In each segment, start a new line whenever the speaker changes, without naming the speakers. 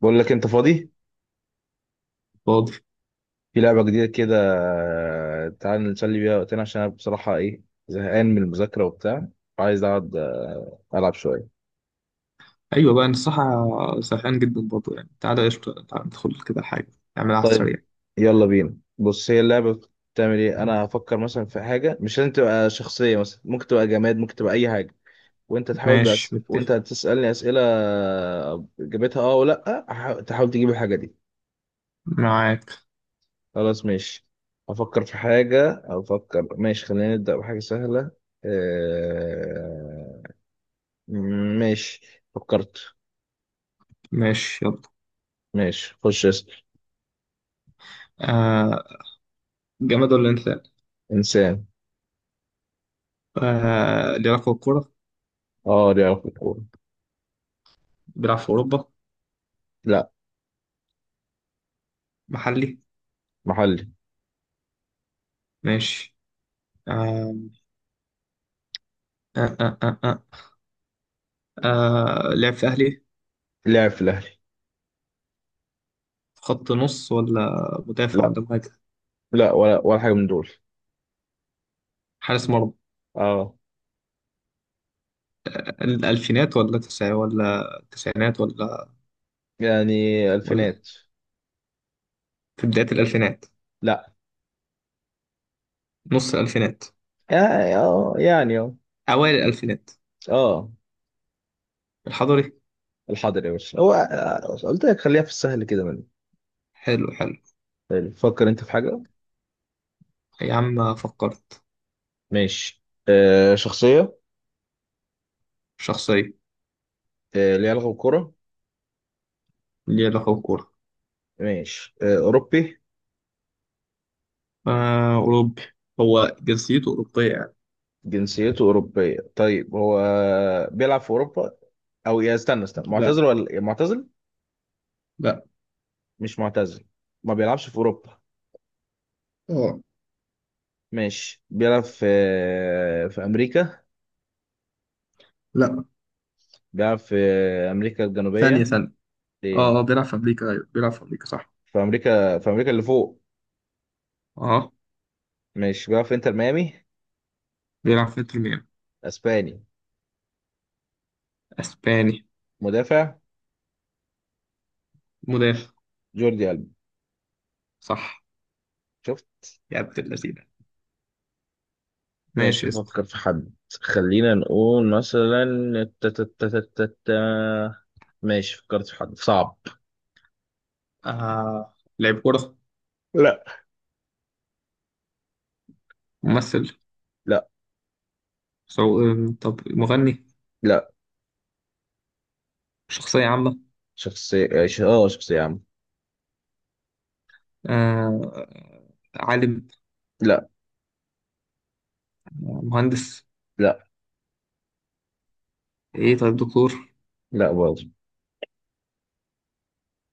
بقول لك انت فاضي.
فاضي.
في لعبه جديده كده. تعال نسلي بيها وقتنا، عشان انا بصراحه ايه، زهقان من المذاكره وبتاع وعايز اقعد، العب شويه.
ايوه، بقى انا الصراحه سرحان جدا برضه يعني. تعالى قشطه، تعالى ندخل كده حاجه نعملها على
طيب
السريع.
يلا بينا، بص هي اللعبه بتعمل ايه. انا هفكر مثلا في حاجه، مش لازم تبقى شخصيه، مثلا ممكن تبقى جماد، ممكن تبقى اي حاجه، وانت تحاول.
ماشي،
بس وانت
متفق
هتسالني اسئله، اجابتها اه ولا تحاول تجيب الحاجه دي.
معاك.
خلاص ماشي، افكر في حاجه. افكر ماشي، خلينا نبدا بحاجه سهله. آه. ماشي فكرت.
ماشي يلا.
ماشي خش اسأل.
آه جماد ولا انسان؟
إنسان.
ليه علاقه بالكوره؟
اه لعب في الكورة.
بيلعب في اوروبا؟
لا،
محلي.
محلي.
ماشي. آه آه آه آه آه. لعب في اهلي.
لعب في الأهلي.
في خط نص ولا مدافع
لا،
ولا مهاجم؟
لا ولا ولا حاجة من دول.
حارس مرمى.
اه
الالفينات ولا تسع ولا التسعينات ولا...
يعني
ولا
ألفينات.
في بدايه الالفينات.
لا،
نص الالفينات.
يعني اه يعني اه.
اوائل الالفينات.
اه.
الحضري.
الحاضر يا باشا هو، قلت لك خليها في السهل كده من.
حلو حلو.
حلو. فكر أنت في حاجة.
يا عم فكرت.
ماشي. آه شخصية.
شخصية.
آه ليها علاقة بالكورة.
ليه علاقة بالكورة.
ماشي. آه أوروبي.
آه، أوروبي. هو جنسيته أوروبية يعني.
جنسيته أوروبية. طيب هو بيلعب في أوروبا، او يا استنى استنى،
لا.
معتزل ولا معتزل؟
لا.
مش معتزل. ما بيلعبش في اوروبا.
اه.
ماشي بيلعب في، في امريكا.
لا.
بيلعب في امريكا
ثانية
الجنوبيه.
ثانية. اه اه،
إيه؟
بيلعب في أمريكا. أيوه، بيلعب في أمريكا صح.
في امريكا، في امريكا اللي فوق.
اه.
ماشي بيلعب في انتر ميامي.
بيلعب في إنتر ميامي.
اسباني.
أسباني.
مدافع.
مدافع.
جوردي ألبا.
صح.
شفت.
يا عبد اللذينة.
ماشي
ماشي يا اسطى.
افكر في حد. خلينا نقول مثلا، تا- تا- تا- تا- تا- تا. ماشي فكرت في حد صعب.
آه لعيب كورة؟
لا.
ممثل؟
لا.
سو... آه، طب مغني؟
لا.
شخصية عامة؟
شخصية. اه شخصية يا عم.
آه عالم؟
لا.
مهندس؟
لا.
ايه طيب، دكتور؟
لا برضه.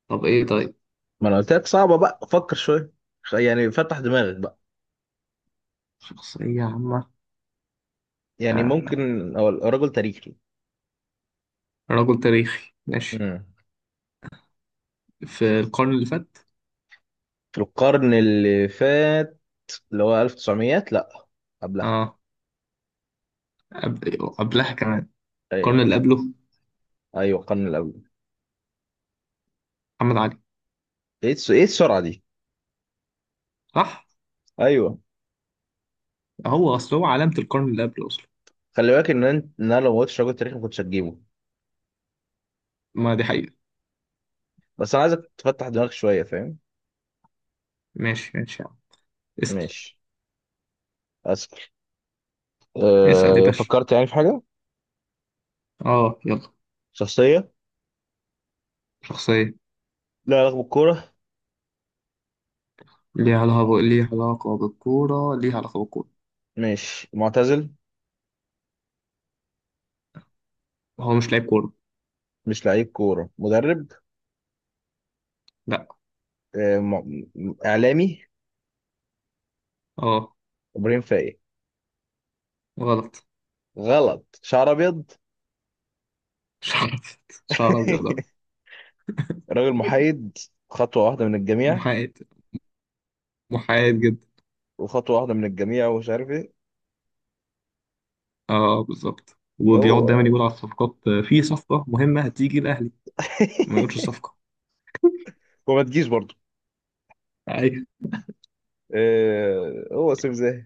طب ايه طيب.
ما انا قلت لك صعبه بقى، فكر شويه. يعني فتح دماغك بقى.
شخصية عامة.
يعني ممكن.
آه.
هو رجل تاريخي.
رجل تاريخي، ماشي.
امم،
في القرن اللي فات.
في القرن اللي فات، اللي هو 1900، لا قبلها.
اه. قبلها كمان.
ايوه.
القرن اللي قبله.
ايوه القرن اللي قبله.
محمد علي.
ايه السرعه دي؟
صح.
ايوه.
هو اصل هو علامة القرن اللي قبله اصلا.
خلي بالك ان انت ان انا لو ما قلتش رجل تاريخي ما كنتش هتجيبه.
ما دي حقيقة.
بس انا عايزك تفتح دماغك شويه، فاهم؟
ماشي ماشي يا عم. اسأل.
ماشي. اسال.
اسأل يا
أه
باشا.
فكرت يعني في حاجه.
اه يلا.
شخصيه.
شخصية.
لا علاقه بالكوره.
ليها علاقة بالكورة، ليها علاقة بالكورة.
ماشي معتزل.
هو مش لاعب كورة.
مش لعيب كوره، مدرب.
لا.
أه اعلامي.
اه.
ابراهيم فايق.
غلط.
غلط. شعر ابيض.
شعر أبيض. شعر ابيض آه.
راجل محايد، خطوه واحده من الجميع،
محايد. محايد جدا.
وخطوه واحده من الجميع، ومش عارف ايه.
اه بالظبط، وبيقعد دايما
هو.
يقول على الصفقات في صفقة مهمة هتيجي الأهلي. ما يقولش الصفقة.
وما تجيش برضو.
ايوه.
إيه هو سيف زاهي.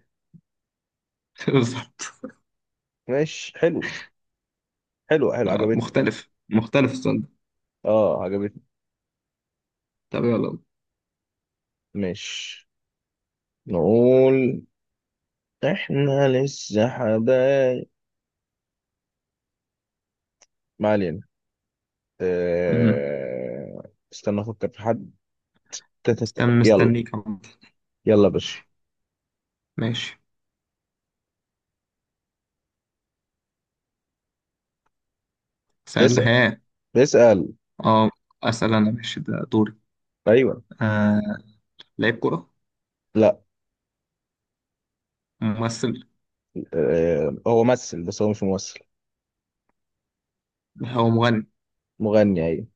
بالظبط.
ماشي حلو. حلو حلو، عجبتني.
مختلف مختلف السؤال ده.
اه عجبتني.
طب يلا.
ماشي نقول، احنا لسه حبايب. ما علينا.
مم.
إيه، استنى افكر في حد.
استنى
يلا.
مستنيك عمد.
يلا يا باشا.
ماشي. ماشي. سؤال ده
اسال.
ها؟
اسال.
اه. اسال انا ماشي، ده دوري.
ايوه.
آه لعيب كرة؟
لا.
ممثل؟
إيه هو ممثل، بس هو مش ممثل.
هو مغني؟
مغني، ايوه.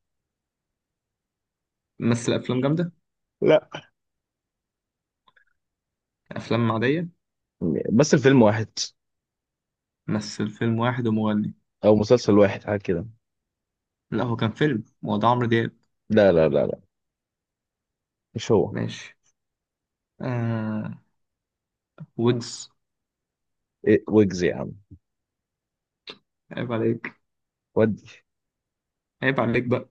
مثل افلام جامدة؟
لا.
افلام عادية؟
بس الفيلم واحد،
مثل فيلم واحد ومغني؟
او مسلسل واحد حاجه كده.
لا، هو كان فيلم. هو ده عمرو دياب؟
لا لا لا لا، مش هو.
ماشي. آه ويجز.
إيه ويجز يا عم،
عيب عليك.
ود.
عيب عليك بقى.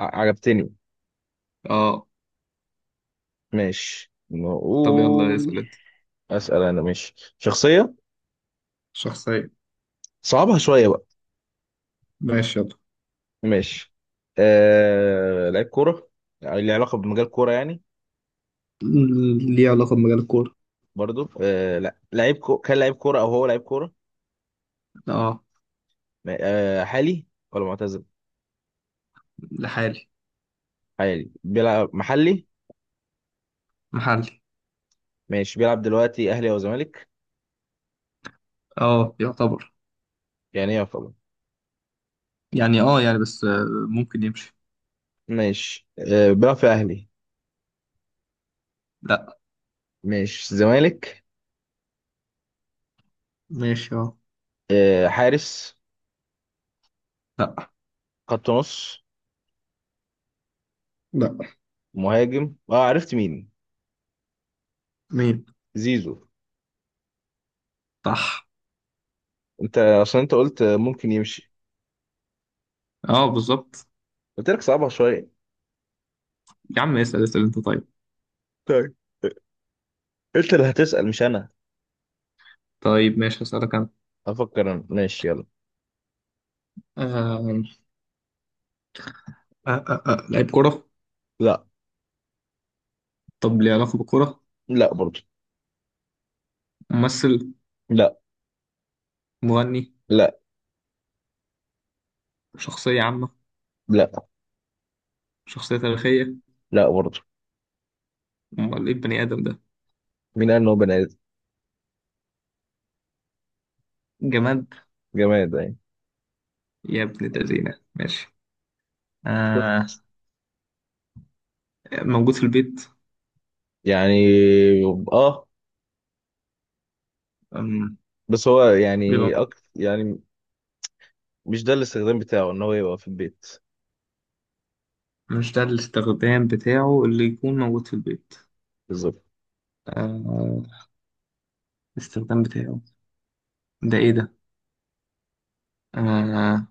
عجبتني.
اه.
ماشي
طب يلا
نقول.
اسال انت.
اسال انا ماشي. شخصيه.
شخصية.
صعبها شويه بقى.
ماشي يلا.
ماشي. لعيب كوره. ليه علاقه بمجال كوره يعني.
ليه علاقة بمجال الكورة.
برضو لا، كان لعيب كوره او هو لعيب كوره.
اه.
حالي ولا معتزل.
لحالي.
حالي، بيلعب محلي.
محلي.
ماشي بيلعب دلوقتي اهلي او زمالك.
اه يعتبر.
يعني ايه.
يعني بس ممكن يمشي.
ماشي. أه بيلعب في اهلي.
لا.
ماشي زمالك.
ماشي اه.
أه حارس.
لا.
خط نص.
لا.
مهاجم. اه عرفت مين.
مين؟
زيزو.
صح.
انت عشان انت قلت ممكن يمشي.
اه بالظبط.
قلت لك صعبها شويه.
يا عم اسأل، اسأل انت طيب.
طيب انت اللي هتسأل مش انا.
طيب ماشي، هسألك انا.
افكر انا ماشي، يلا.
آه لعيب كرة؟
لا.
طب ليه علاقة بالكرة؟
لا برضه.
ممثل؟
لا.
مغني؟
لا.
شخصية عامة؟
لا.
شخصية تاريخية؟
لا برضه.
امال ايه البني آدم ده؟
مين قال ان هو بني ادم.
جماد.
جماد يعني.
يا ابن الذين ماشي. آه
شفت.
موجود في البيت.
يعني اه.
أم،
بس هو يعني
بيبقى
يعني مش ده الاستخدام بتاعه ان هو يبقى في البيت.
موجود. مش ده الاستخدام بتاعه اللي يكون موجود في البيت.
بالظبط.
آه الاستخدام بتاعه ده ايه ده؟ آه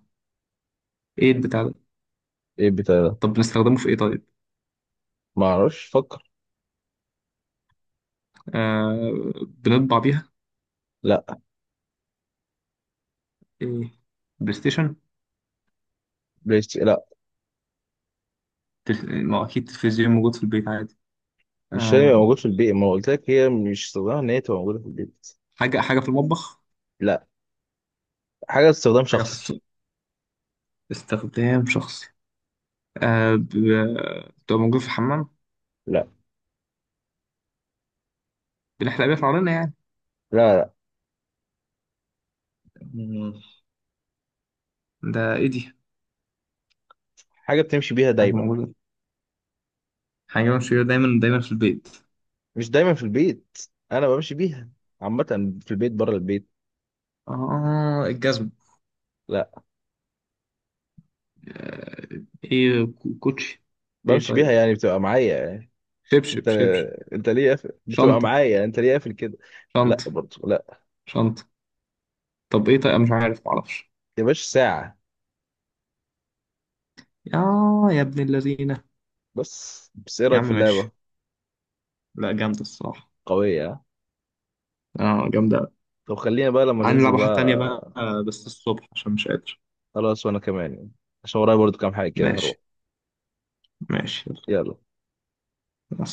ايه البتاع ده؟
ايه بتاع.
طب بنستخدمه في ايه طيب؟
ما اعرفش، فكر.
آه بنطبع بيها.
لا.
ايه؟ بلاي ستيشن؟
بلاي ستيشن لا.
ما هو اكيد تلفزيون موجود في البيت عادي.
مش هيبقى
آه
موجود في البيت، ما قلت لك هي مش استخدامها ان هي تبقى موجوده في البيت.
حاجة حاجة في المطبخ؟
لا. حاجه استخدام
حاجة في
شخصي.
السوق؟ استخدام شخصي. آه ب... بتبقى موجود في الحمام؟
لا.
بنحلق بيها شعرنا يعني؟
لا. لا.
مم. ده ايه دي؟
حاجه بتمشي بيها
حاجة
دايما.
موجودة. حاجة موجودة دايما دايما في البيت.
مش دايما في البيت، انا بمشي بيها عامه، في البيت بره البيت.
اه، الجزم.
لا.
ايه كوتشي. ايه
بمشي بيها
طيب.
يعني بتبقى معايا يعني. انت
شبشب شبشب.
انت ليه قافل؟ بتبقى
شنطة.
معايا يعني. انت ليه قافل كده. لا
شنطة
برضه. لا.
شنطة. طب ايه طيب، أنا مش عارف، معرفش.
يا باشا ساعه.
يا يا ابن اللذينة.
بس، ايه
يا
رايك
عم
في اللعبه؟
ماشي. لا، جامدة الصراحة.
قويه ها؟
اه، جامدة أوي.
طب خلينا بقى لما ننزل
هنلعب واحدة تانية بقى
بقى.
بس الصبح عشان مش قادر.
خلاص وانا كمان يعني. عشان ورايا برضه كام حاجه كده
ماشي.
هروح.
ماشي.
يلا.
يلا.